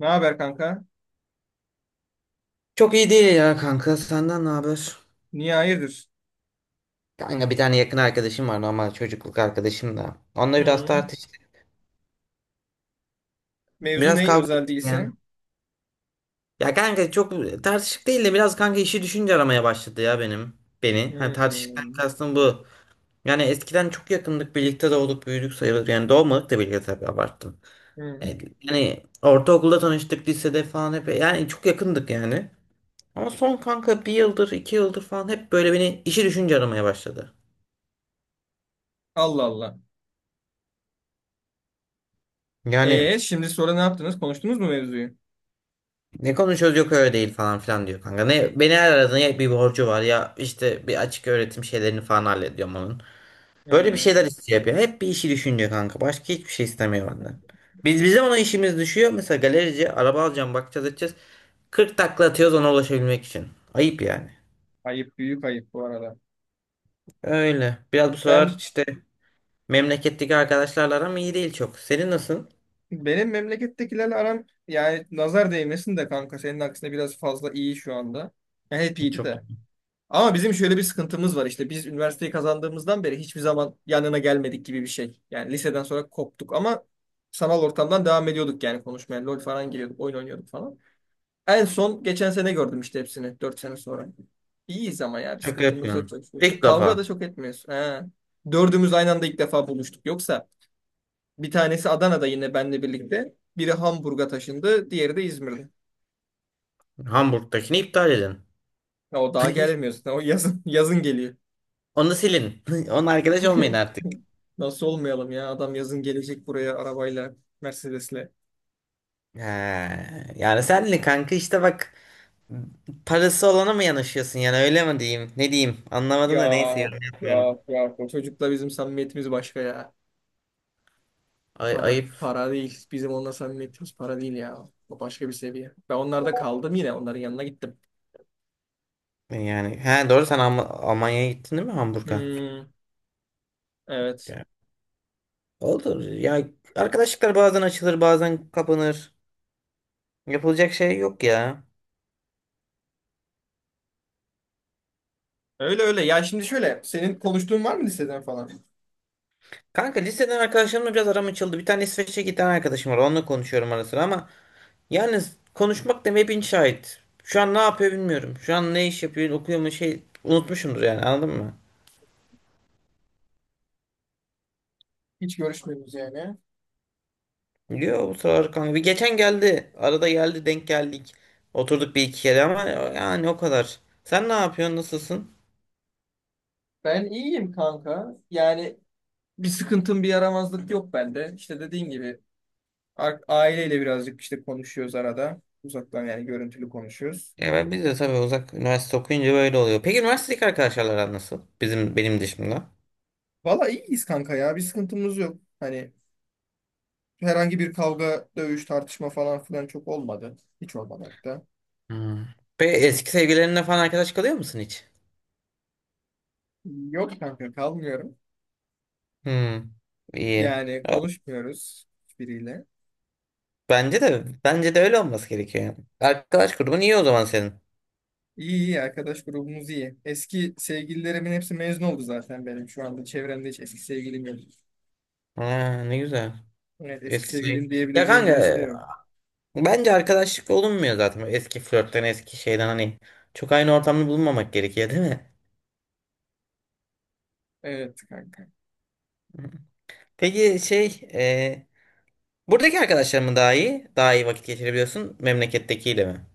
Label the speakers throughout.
Speaker 1: Ne haber kanka?
Speaker 2: Çok iyi değil ya kanka. Senden ne haber?
Speaker 1: Niye hayırdır?
Speaker 2: Kanka bir tane yakın arkadaşım var, normal çocukluk arkadaşım da. Onunla biraz
Speaker 1: Hı.
Speaker 2: tartıştık.
Speaker 1: Mevzu
Speaker 2: Biraz
Speaker 1: ne
Speaker 2: kavga
Speaker 1: özel
Speaker 2: ettik yani.
Speaker 1: değilse?
Speaker 2: Ya kanka çok tartışık değil de biraz kanka işi düşünce aramaya başladı ya benim. Beni. Hani
Speaker 1: Hı.
Speaker 2: tartışıktan kastım bu. Yani eskiden çok yakındık. Birlikte doğduk büyüdük sayılır. Yani doğmadık da birlikte, tabii abarttım.
Speaker 1: Hı.
Speaker 2: Yani ortaokulda tanıştık, lisede falan hep. Yani çok yakındık yani. Ama son kanka bir yıldır iki yıldır falan hep böyle beni işi düşünce aramaya başladı.
Speaker 1: Allah Allah.
Speaker 2: Yani,
Speaker 1: E şimdi sonra ne yaptınız? Konuştunuz mu mevzuyu?
Speaker 2: ne konuşuyoruz, yok öyle değil falan filan diyor kanka. Ne, beni her aradığında ya bir borcu var ya işte bir açık öğretim şeylerini falan hallediyorum onun. Böyle bir
Speaker 1: Hı.
Speaker 2: şeyler istiyor hep ya. Hep bir işi düşünüyor kanka. Başka hiçbir şey istemiyor benden. Biz bizim ona işimiz düşüyor. Mesela galerici, araba alacağım, bakacağız edeceğiz. 40 takla atıyoruz ona ulaşabilmek için. Ayıp yani.
Speaker 1: Ayıp, büyük ayıp bu arada.
Speaker 2: Öyle. Biraz bu sıralar
Speaker 1: Ben
Speaker 2: işte memleketteki arkadaşlarla aram iyi değil çok. Senin nasıl?
Speaker 1: benim memlekettekilerle aram yani nazar değmesin de kanka senin aksine biraz fazla iyi şu anda. Ya hep iyiydi
Speaker 2: Çok
Speaker 1: de. Ama bizim şöyle bir sıkıntımız var işte, biz üniversiteyi kazandığımızdan beri hiçbir zaman yanına gelmedik gibi bir şey. Yani liseden sonra koptuk ama sanal ortamdan devam ediyorduk yani konuşmaya. LOL falan giriyorduk, oyun oynuyorduk falan. En son geçen sene gördüm işte hepsini 4 sene sonra. İyiyiz ama ya, bir
Speaker 2: şaka
Speaker 1: sıkıntımız yok,
Speaker 2: yapıyorsun.
Speaker 1: çok şükür.
Speaker 2: İlk
Speaker 1: Kavga da
Speaker 2: defa
Speaker 1: çok etmiyoruz. He. Dördümüz aynı anda ilk defa buluştuk. Yoksa bir tanesi Adana'da yine benle birlikte. Biri Hamburg'a taşındı, diğeri de İzmir'de.
Speaker 2: Hamburg'dakini iptal edin.
Speaker 1: Ya, o daha gelemiyor zaten. O yazın, yazın geliyor.
Speaker 2: Onu silin. Onun arkadaş olmayın artık.
Speaker 1: Nasıl olmayalım ya? Adam yazın gelecek buraya arabayla, Mercedes'le.
Speaker 2: He, yani sen kanka işte bak, parası olana mı yanaşıyorsun, yani öyle mi diyeyim ne diyeyim, anlamadım
Speaker 1: Ya,
Speaker 2: da neyse, yorum yapmıyorum.
Speaker 1: ya, ya. O çocukla bizim samimiyetimiz başka ya.
Speaker 2: Ay,
Speaker 1: Para,
Speaker 2: ayıp.
Speaker 1: para değil. Bizim onunla samimiyetimiz para değil ya. O başka bir seviye. Ben onlarda kaldım yine. Onların yanına gittim.
Speaker 2: Yani he, doğru, sen Almanya'ya gittin değil mi, Hamburg'a?
Speaker 1: Hmm, evet.
Speaker 2: Ya, olur ya, arkadaşlıklar bazen açılır bazen kapanır, yapılacak şey yok ya.
Speaker 1: Öyle öyle. Ya şimdi şöyle, senin konuştuğun var mı liseden falan?
Speaker 2: Kanka liseden arkadaşlarımla biraz aram açıldı, bir tane İsveç'e giden arkadaşım var, onunla konuşuyorum ara sıra ama yani konuşmak demeye bin şahit. Şu an ne yapıyor bilmiyorum, şu an ne iş yapıyor, okuyor mu, şey, unutmuşumdur yani, anladın mı?
Speaker 1: Hiç görüşmüyoruz yani.
Speaker 2: Yo bu sıralar kanka. Bir geçen geldi. Arada geldi, denk geldik. Oturduk bir iki kere ama yani o kadar. Sen ne yapıyorsun? Nasılsın?
Speaker 1: Ben iyiyim kanka. Yani bir sıkıntım, bir yaramazlık yok bende. İşte dediğin gibi aileyle birazcık işte konuşuyoruz arada. Uzaktan yani, görüntülü konuşuyoruz.
Speaker 2: Ya biz de tabii uzak üniversite okuyunca böyle oluyor. Peki üniversitedeki arkadaşlarla aran nasıl? Bizim, benim dışımda.
Speaker 1: Valla iyiyiz kanka ya. Bir sıkıntımız yok. Hani herhangi bir kavga, dövüş, tartışma falan filan çok olmadı. Hiç olmadı hatta.
Speaker 2: Hmm. Peki eski sevgilerinle falan arkadaş kalıyor musun hiç?
Speaker 1: Yok kanka, kalmıyorum.
Speaker 2: Hmm. İyi.
Speaker 1: Yani
Speaker 2: Ya,
Speaker 1: konuşmuyoruz hiçbiriyle.
Speaker 2: bence de öyle olması gerekiyor yani. Arkadaş grubun iyi o zaman senin.
Speaker 1: İyi iyi, arkadaş grubumuz iyi. Eski sevgililerimin hepsi mezun oldu zaten benim. Şu anda çevremde hiç eski sevgilim yok.
Speaker 2: Ha, ne güzel.
Speaker 1: Evet, eski
Speaker 2: Eski sevgili.
Speaker 1: sevgilim
Speaker 2: Ya
Speaker 1: diyebileceğim birisi de
Speaker 2: kanka,
Speaker 1: yok.
Speaker 2: bence arkadaşlık olunmuyor zaten. Böyle eski flörtten, eski şeyden, hani çok aynı ortamda bulunmamak gerekiyor değil mi?
Speaker 1: Evet kanka.
Speaker 2: Peki e, buradaki arkadaşlar mı daha iyi? Daha iyi vakit geçirebiliyorsun memlekettekiyle mi?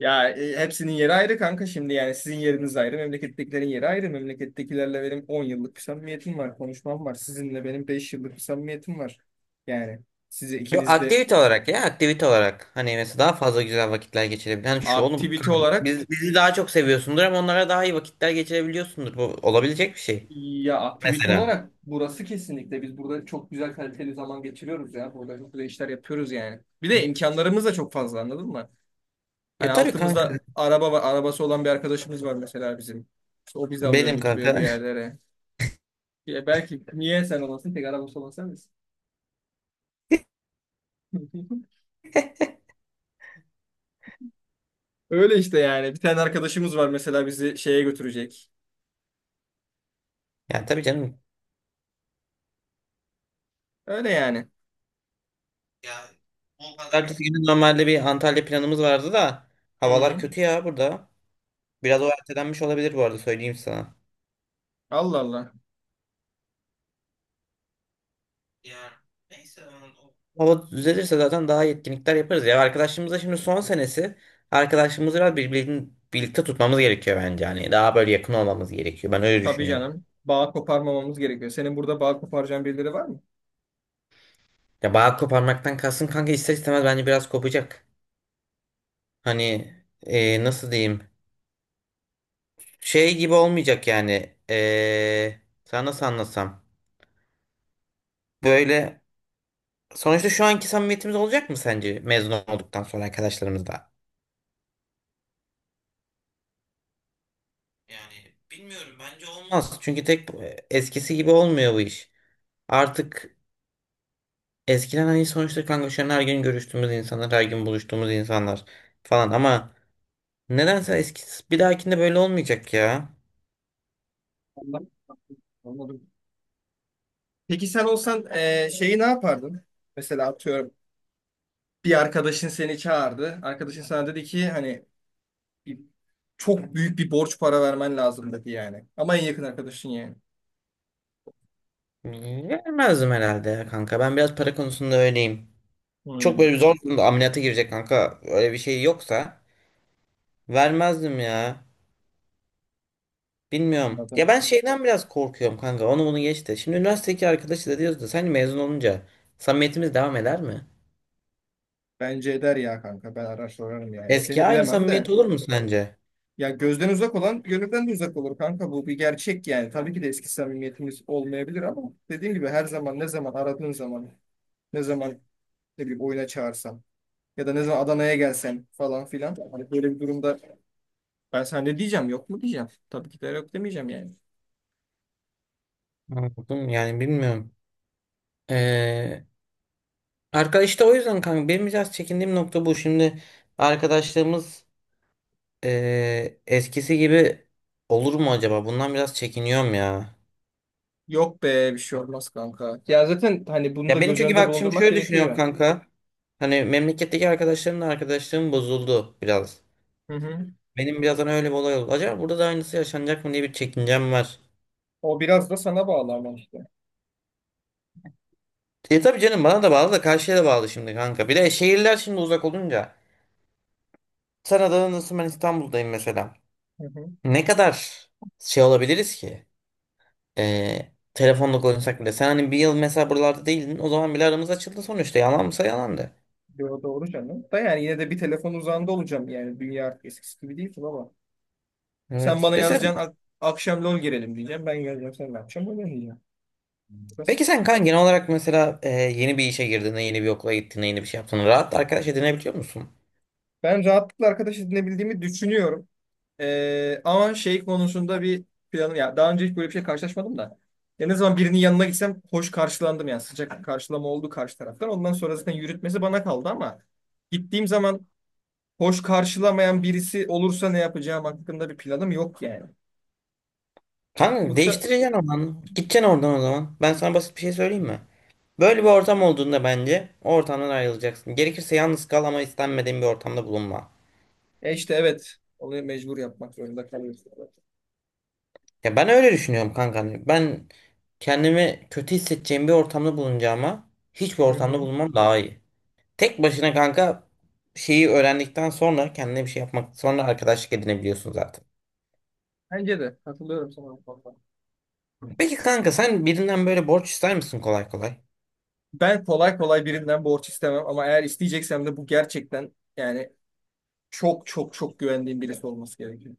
Speaker 1: Ya hepsinin yeri ayrı kanka, şimdi yani sizin yeriniz ayrı, memlekettekilerin yeri ayrı. Memlekettekilerle benim 10 yıllık bir samimiyetim var, konuşmam var. Sizinle benim 5 yıllık bir samimiyetim var. Yani size
Speaker 2: Yok,
Speaker 1: ikiniz de
Speaker 2: aktivite olarak, ya aktivite olarak. Hani mesela daha fazla güzel vakitler geçirebilen, hani şu oğlum
Speaker 1: aktivite
Speaker 2: kanka,
Speaker 1: olarak,
Speaker 2: bizi daha çok seviyorsundur ama onlara daha iyi vakitler geçirebiliyorsundur. Bu olabilecek bir şey.
Speaker 1: ya aktivite
Speaker 2: Mesela.
Speaker 1: olarak burası kesinlikle, biz burada çok güzel kaliteli zaman geçiriyoruz ya. Burada çok güzel işler yapıyoruz yani. Bir de imkanlarımız da çok fazla, anladın mı?
Speaker 2: Ya
Speaker 1: Hani
Speaker 2: tabii kanka.
Speaker 1: altımızda araba var, arabası olan bir arkadaşımız var mesela bizim. İşte o bizi alıyor,
Speaker 2: Benim
Speaker 1: götürüyor bir
Speaker 2: kanka.
Speaker 1: yerlere. Ya belki, niye sen olasın tek arabası olan, sen. Öyle işte yani. Bir tane arkadaşımız var mesela bizi şeye götürecek.
Speaker 2: Ya tabii canım.
Speaker 1: Öyle yani.
Speaker 2: Ya o kadar. Ertesi günü normalde bir Antalya planımız vardı da havalar
Speaker 1: Hı.
Speaker 2: kötü ya burada. Biraz o ertelenmiş olabilir, bu arada söyleyeyim sana.
Speaker 1: Allah Allah.
Speaker 2: Ya neyse, onun o hava düzelirse zaten daha iyi etkinlikler yaparız ya. Arkadaşımızda şimdi son senesi. Arkadaşımızı biraz, birbirini birlikte tutmamız gerekiyor bence. Yani daha böyle yakın olmamız gerekiyor. Ben öyle
Speaker 1: Tabii
Speaker 2: düşünüyorum.
Speaker 1: canım. Bağ koparmamamız gerekiyor. Senin burada bağ koparacağın birileri var mı?
Speaker 2: Ya bağ koparmaktan kalsın kanka, ister istemez bence biraz kopacak. Hani nasıl diyeyim? Şey gibi olmayacak yani. Sana nasıl anlatsam? Böyle sonuçta şu anki samimiyetimiz olacak mı sence mezun olduktan sonra arkadaşlarımızla? Yani bilmiyorum, bence olmaz. Çünkü tek eskisi gibi olmuyor bu iş. Artık eskiden, hani sonuçta kanka şu an her gün görüştüğümüz insanlar, her gün buluştuğumuz insanlar falan ama nedense eskisi bir dahakinde böyle olmayacak ya.
Speaker 1: Allah. Anladım. Peki sen olsan şeyi ne yapardın? Mesela atıyorum, bir arkadaşın seni çağırdı. Arkadaşın sana dedi ki hani bir- çok büyük bir borç para vermen lazım dedi yani. Ama en yakın arkadaşın yani.
Speaker 2: Vermezdim herhalde ya kanka. Ben biraz para konusunda öyleyim. Çok böyle bir zor durumda, ameliyata girecek kanka, öyle bir şey yoksa vermezdim ya. Bilmiyorum. Ya ben şeyden biraz korkuyorum kanka. Onu bunu geç de. Şimdi üniversitedeki arkadaşı da diyoruz da sen mezun olunca samimiyetimiz devam eder mi?
Speaker 1: Bence eder ya kanka. Ben araştırırım yani.
Speaker 2: Eski
Speaker 1: Seni
Speaker 2: aynı
Speaker 1: bilemem
Speaker 2: samimiyet
Speaker 1: de.
Speaker 2: olur mu sence?
Speaker 1: Ya gözden uzak olan gönülden de uzak olur kanka, bu bir gerçek yani. Tabii ki de eski samimiyetimiz olmayabilir ama dediğim gibi, her zaman ne zaman aradığın zaman, ne zaman ne bileyim oyuna çağırsam ya da ne zaman Adana'ya gelsen falan filan. Hani böyle bir durumda ben sana ne diyeceğim, yok mu diyeceğim? Tabii ki de yok demeyeceğim yani.
Speaker 2: Anladım, yani bilmiyorum. Ee, Arkadaş işte, o yüzden kanka benim biraz çekindiğim nokta bu. Şimdi arkadaşlığımız eskisi gibi olur mu acaba? Bundan biraz çekiniyorum ya.
Speaker 1: Yok be, bir şey olmaz kanka. Ya zaten hani bunu da
Speaker 2: Ya benim,
Speaker 1: göz
Speaker 2: çünkü
Speaker 1: önünde
Speaker 2: bak şimdi
Speaker 1: bulundurmak
Speaker 2: şöyle düşünüyorum
Speaker 1: gerekiyor.
Speaker 2: kanka. Hani memleketteki arkadaşlarımla arkadaşlığım bozuldu biraz.
Speaker 1: Hı hı.
Speaker 2: Benim birazdan öyle bir olay oldu. Acaba burada da aynısı yaşanacak mı diye bir çekincem var.
Speaker 1: O biraz da sana bağlı ama işte.
Speaker 2: E tabii canım, bana da bağlı da karşıya da bağlı şimdi kanka. Bir de şehirler şimdi uzak olunca. Sen Adana'dasın, ben İstanbul'dayım mesela.
Speaker 1: Hı hı.
Speaker 2: Ne kadar şey olabiliriz ki? Telefonla konuşsak bile. Sen hani bir yıl mesela buralarda değildin. O zaman bile aramız açıldı sonuçta. Yalansa yalandı.
Speaker 1: Yo, doğru canım. Da yani yine de bir telefon uzağında olacağım yani. Dünya eskisi gibi değil ama. Sen
Speaker 2: Evet.
Speaker 1: bana
Speaker 2: Mesela,
Speaker 1: yazacaksın, akşam LOL girelim diyeceğim. Ben geleceğim, sen ne yapacaksın? Öyle diyeceğim. Basit.
Speaker 2: peki sen kanka genel olarak mesela yeni bir işe girdiğinde, yeni bir okula gittiğinde, yeni bir şey yaptığında rahat arkadaş edinebiliyor musun?
Speaker 1: Ben rahatlıkla arkadaş edinebildiğimi düşünüyorum. Ama şey konusunda bir planım ya. Daha önce hiç böyle bir şey karşılaşmadım da. Ya ne zaman birinin yanına gitsem hoş karşılandım yani. Sıcak karşılama oldu karşı taraftan. Ondan sonra zaten yürütmesi bana kaldı ama gittiğim zaman hoş karşılamayan birisi olursa ne yapacağım hakkında bir planım yok yani.
Speaker 2: Kanka
Speaker 1: Yoksa
Speaker 2: değiştireceksin alanı. Gideceksin oradan o zaman. Ben sana basit bir şey söyleyeyim mi? Böyle bir ortam olduğunda bence o ortamdan ayrılacaksın. Gerekirse yalnız kal ama istenmediğin bir ortamda bulunma.
Speaker 1: İşte evet. Onu mecbur yapmak zorunda kalıyorsun.
Speaker 2: Ya ben öyle düşünüyorum kanka. Hani ben kendimi kötü hissedeceğim bir ortamda bulunacağıma hiçbir
Speaker 1: Hı
Speaker 2: ortamda
Speaker 1: hı.
Speaker 2: bulunmam daha iyi. Tek başına kanka şeyi öğrendikten sonra, kendine bir şey yapmak, sonra arkadaşlık edinebiliyorsun zaten.
Speaker 1: Bence de. Katılıyorum sana bu konuda.
Speaker 2: Peki kanka sen birinden böyle borç ister misin kolay kolay?
Speaker 1: Ben kolay kolay birinden borç istemem ama eğer isteyeceksem de bu gerçekten yani çok çok çok güvendiğim birisi olması gerekiyor.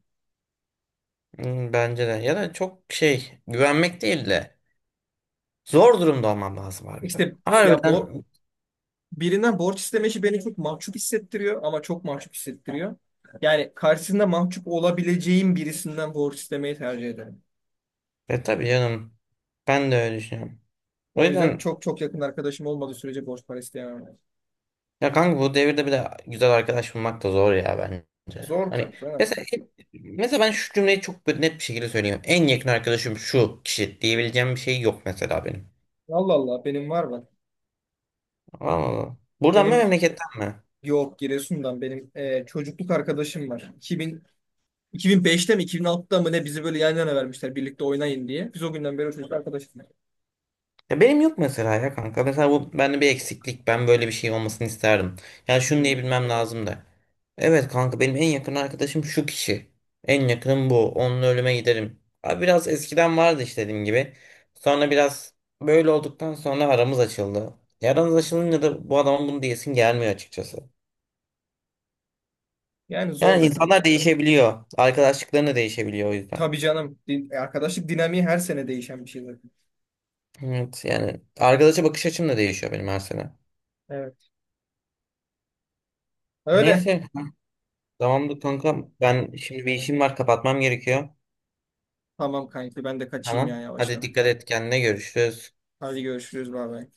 Speaker 2: Hmm, bence de. Ya da çok şey, güvenmek değil de. Zor durumda olmam lazım harbiden.
Speaker 1: İşte ya, bu
Speaker 2: Harbiden.
Speaker 1: birinden borç isteme işi beni çok mahcup hissettiriyor, ama çok mahcup hissettiriyor. Yani karşısında mahcup olabileceğim birisinden borç istemeyi tercih ederim.
Speaker 2: E tabii canım. Ben de öyle düşünüyorum. O
Speaker 1: O yüzden
Speaker 2: yüzden
Speaker 1: çok çok yakın arkadaşım olmadığı sürece borç para isteyemem.
Speaker 2: ya kanka, bu devirde bir de güzel arkadaş bulmak da zor ya bence.
Speaker 1: Zor
Speaker 2: Hani
Speaker 1: tabii canım.
Speaker 2: mesela, mesela ben şu cümleyi çok böyle net bir şekilde söyleyeyim. En yakın arkadaşım şu kişi diyebileceğim bir şey yok mesela benim.
Speaker 1: Allah Allah, benim var bak.
Speaker 2: Anladın mı? Buradan mı,
Speaker 1: Benim
Speaker 2: memleketten mi?
Speaker 1: Yok, Giresun'dan benim çocukluk arkadaşım var. 2000, 2005'te mi 2006'da mı ne, bizi böyle yan yana vermişler birlikte oynayın diye. Biz o günden beri o, çocukluk arkadaşız.
Speaker 2: Ya benim yok mesela ya kanka. Mesela bu bende bir eksiklik. Ben böyle bir şey olmasını isterdim. Yani şunu
Speaker 1: Hmm.
Speaker 2: diyebilmem lazım da. Evet kanka, benim en yakın arkadaşım şu kişi. En yakınım bu. Onunla ölüme giderim. Abi biraz eskiden vardı işte, dediğim gibi. Sonra biraz böyle olduktan sonra aramız açıldı. E, aramız açılınca da bu adamın bunu diyesin gelmiyor açıkçası.
Speaker 1: Yani zor
Speaker 2: Yani
Speaker 1: be
Speaker 2: insanlar
Speaker 1: kanka.
Speaker 2: değişebiliyor. Arkadaşlıkların da değişebiliyor o yüzden.
Speaker 1: Tabii canım. Arkadaşlık dinamiği her sene değişen bir şey zaten.
Speaker 2: Evet, yani arkadaşa bakış açım da değişiyor benim her sene.
Speaker 1: Evet. Öyle.
Speaker 2: Neyse. Tamamdır kankam. Ben şimdi bir işim var, kapatmam gerekiyor.
Speaker 1: Tamam kanki, ben de kaçayım ya
Speaker 2: Tamam. Hadi
Speaker 1: yavaştan.
Speaker 2: dikkat et kendine, görüşürüz.
Speaker 1: Hadi görüşürüz, bay bay.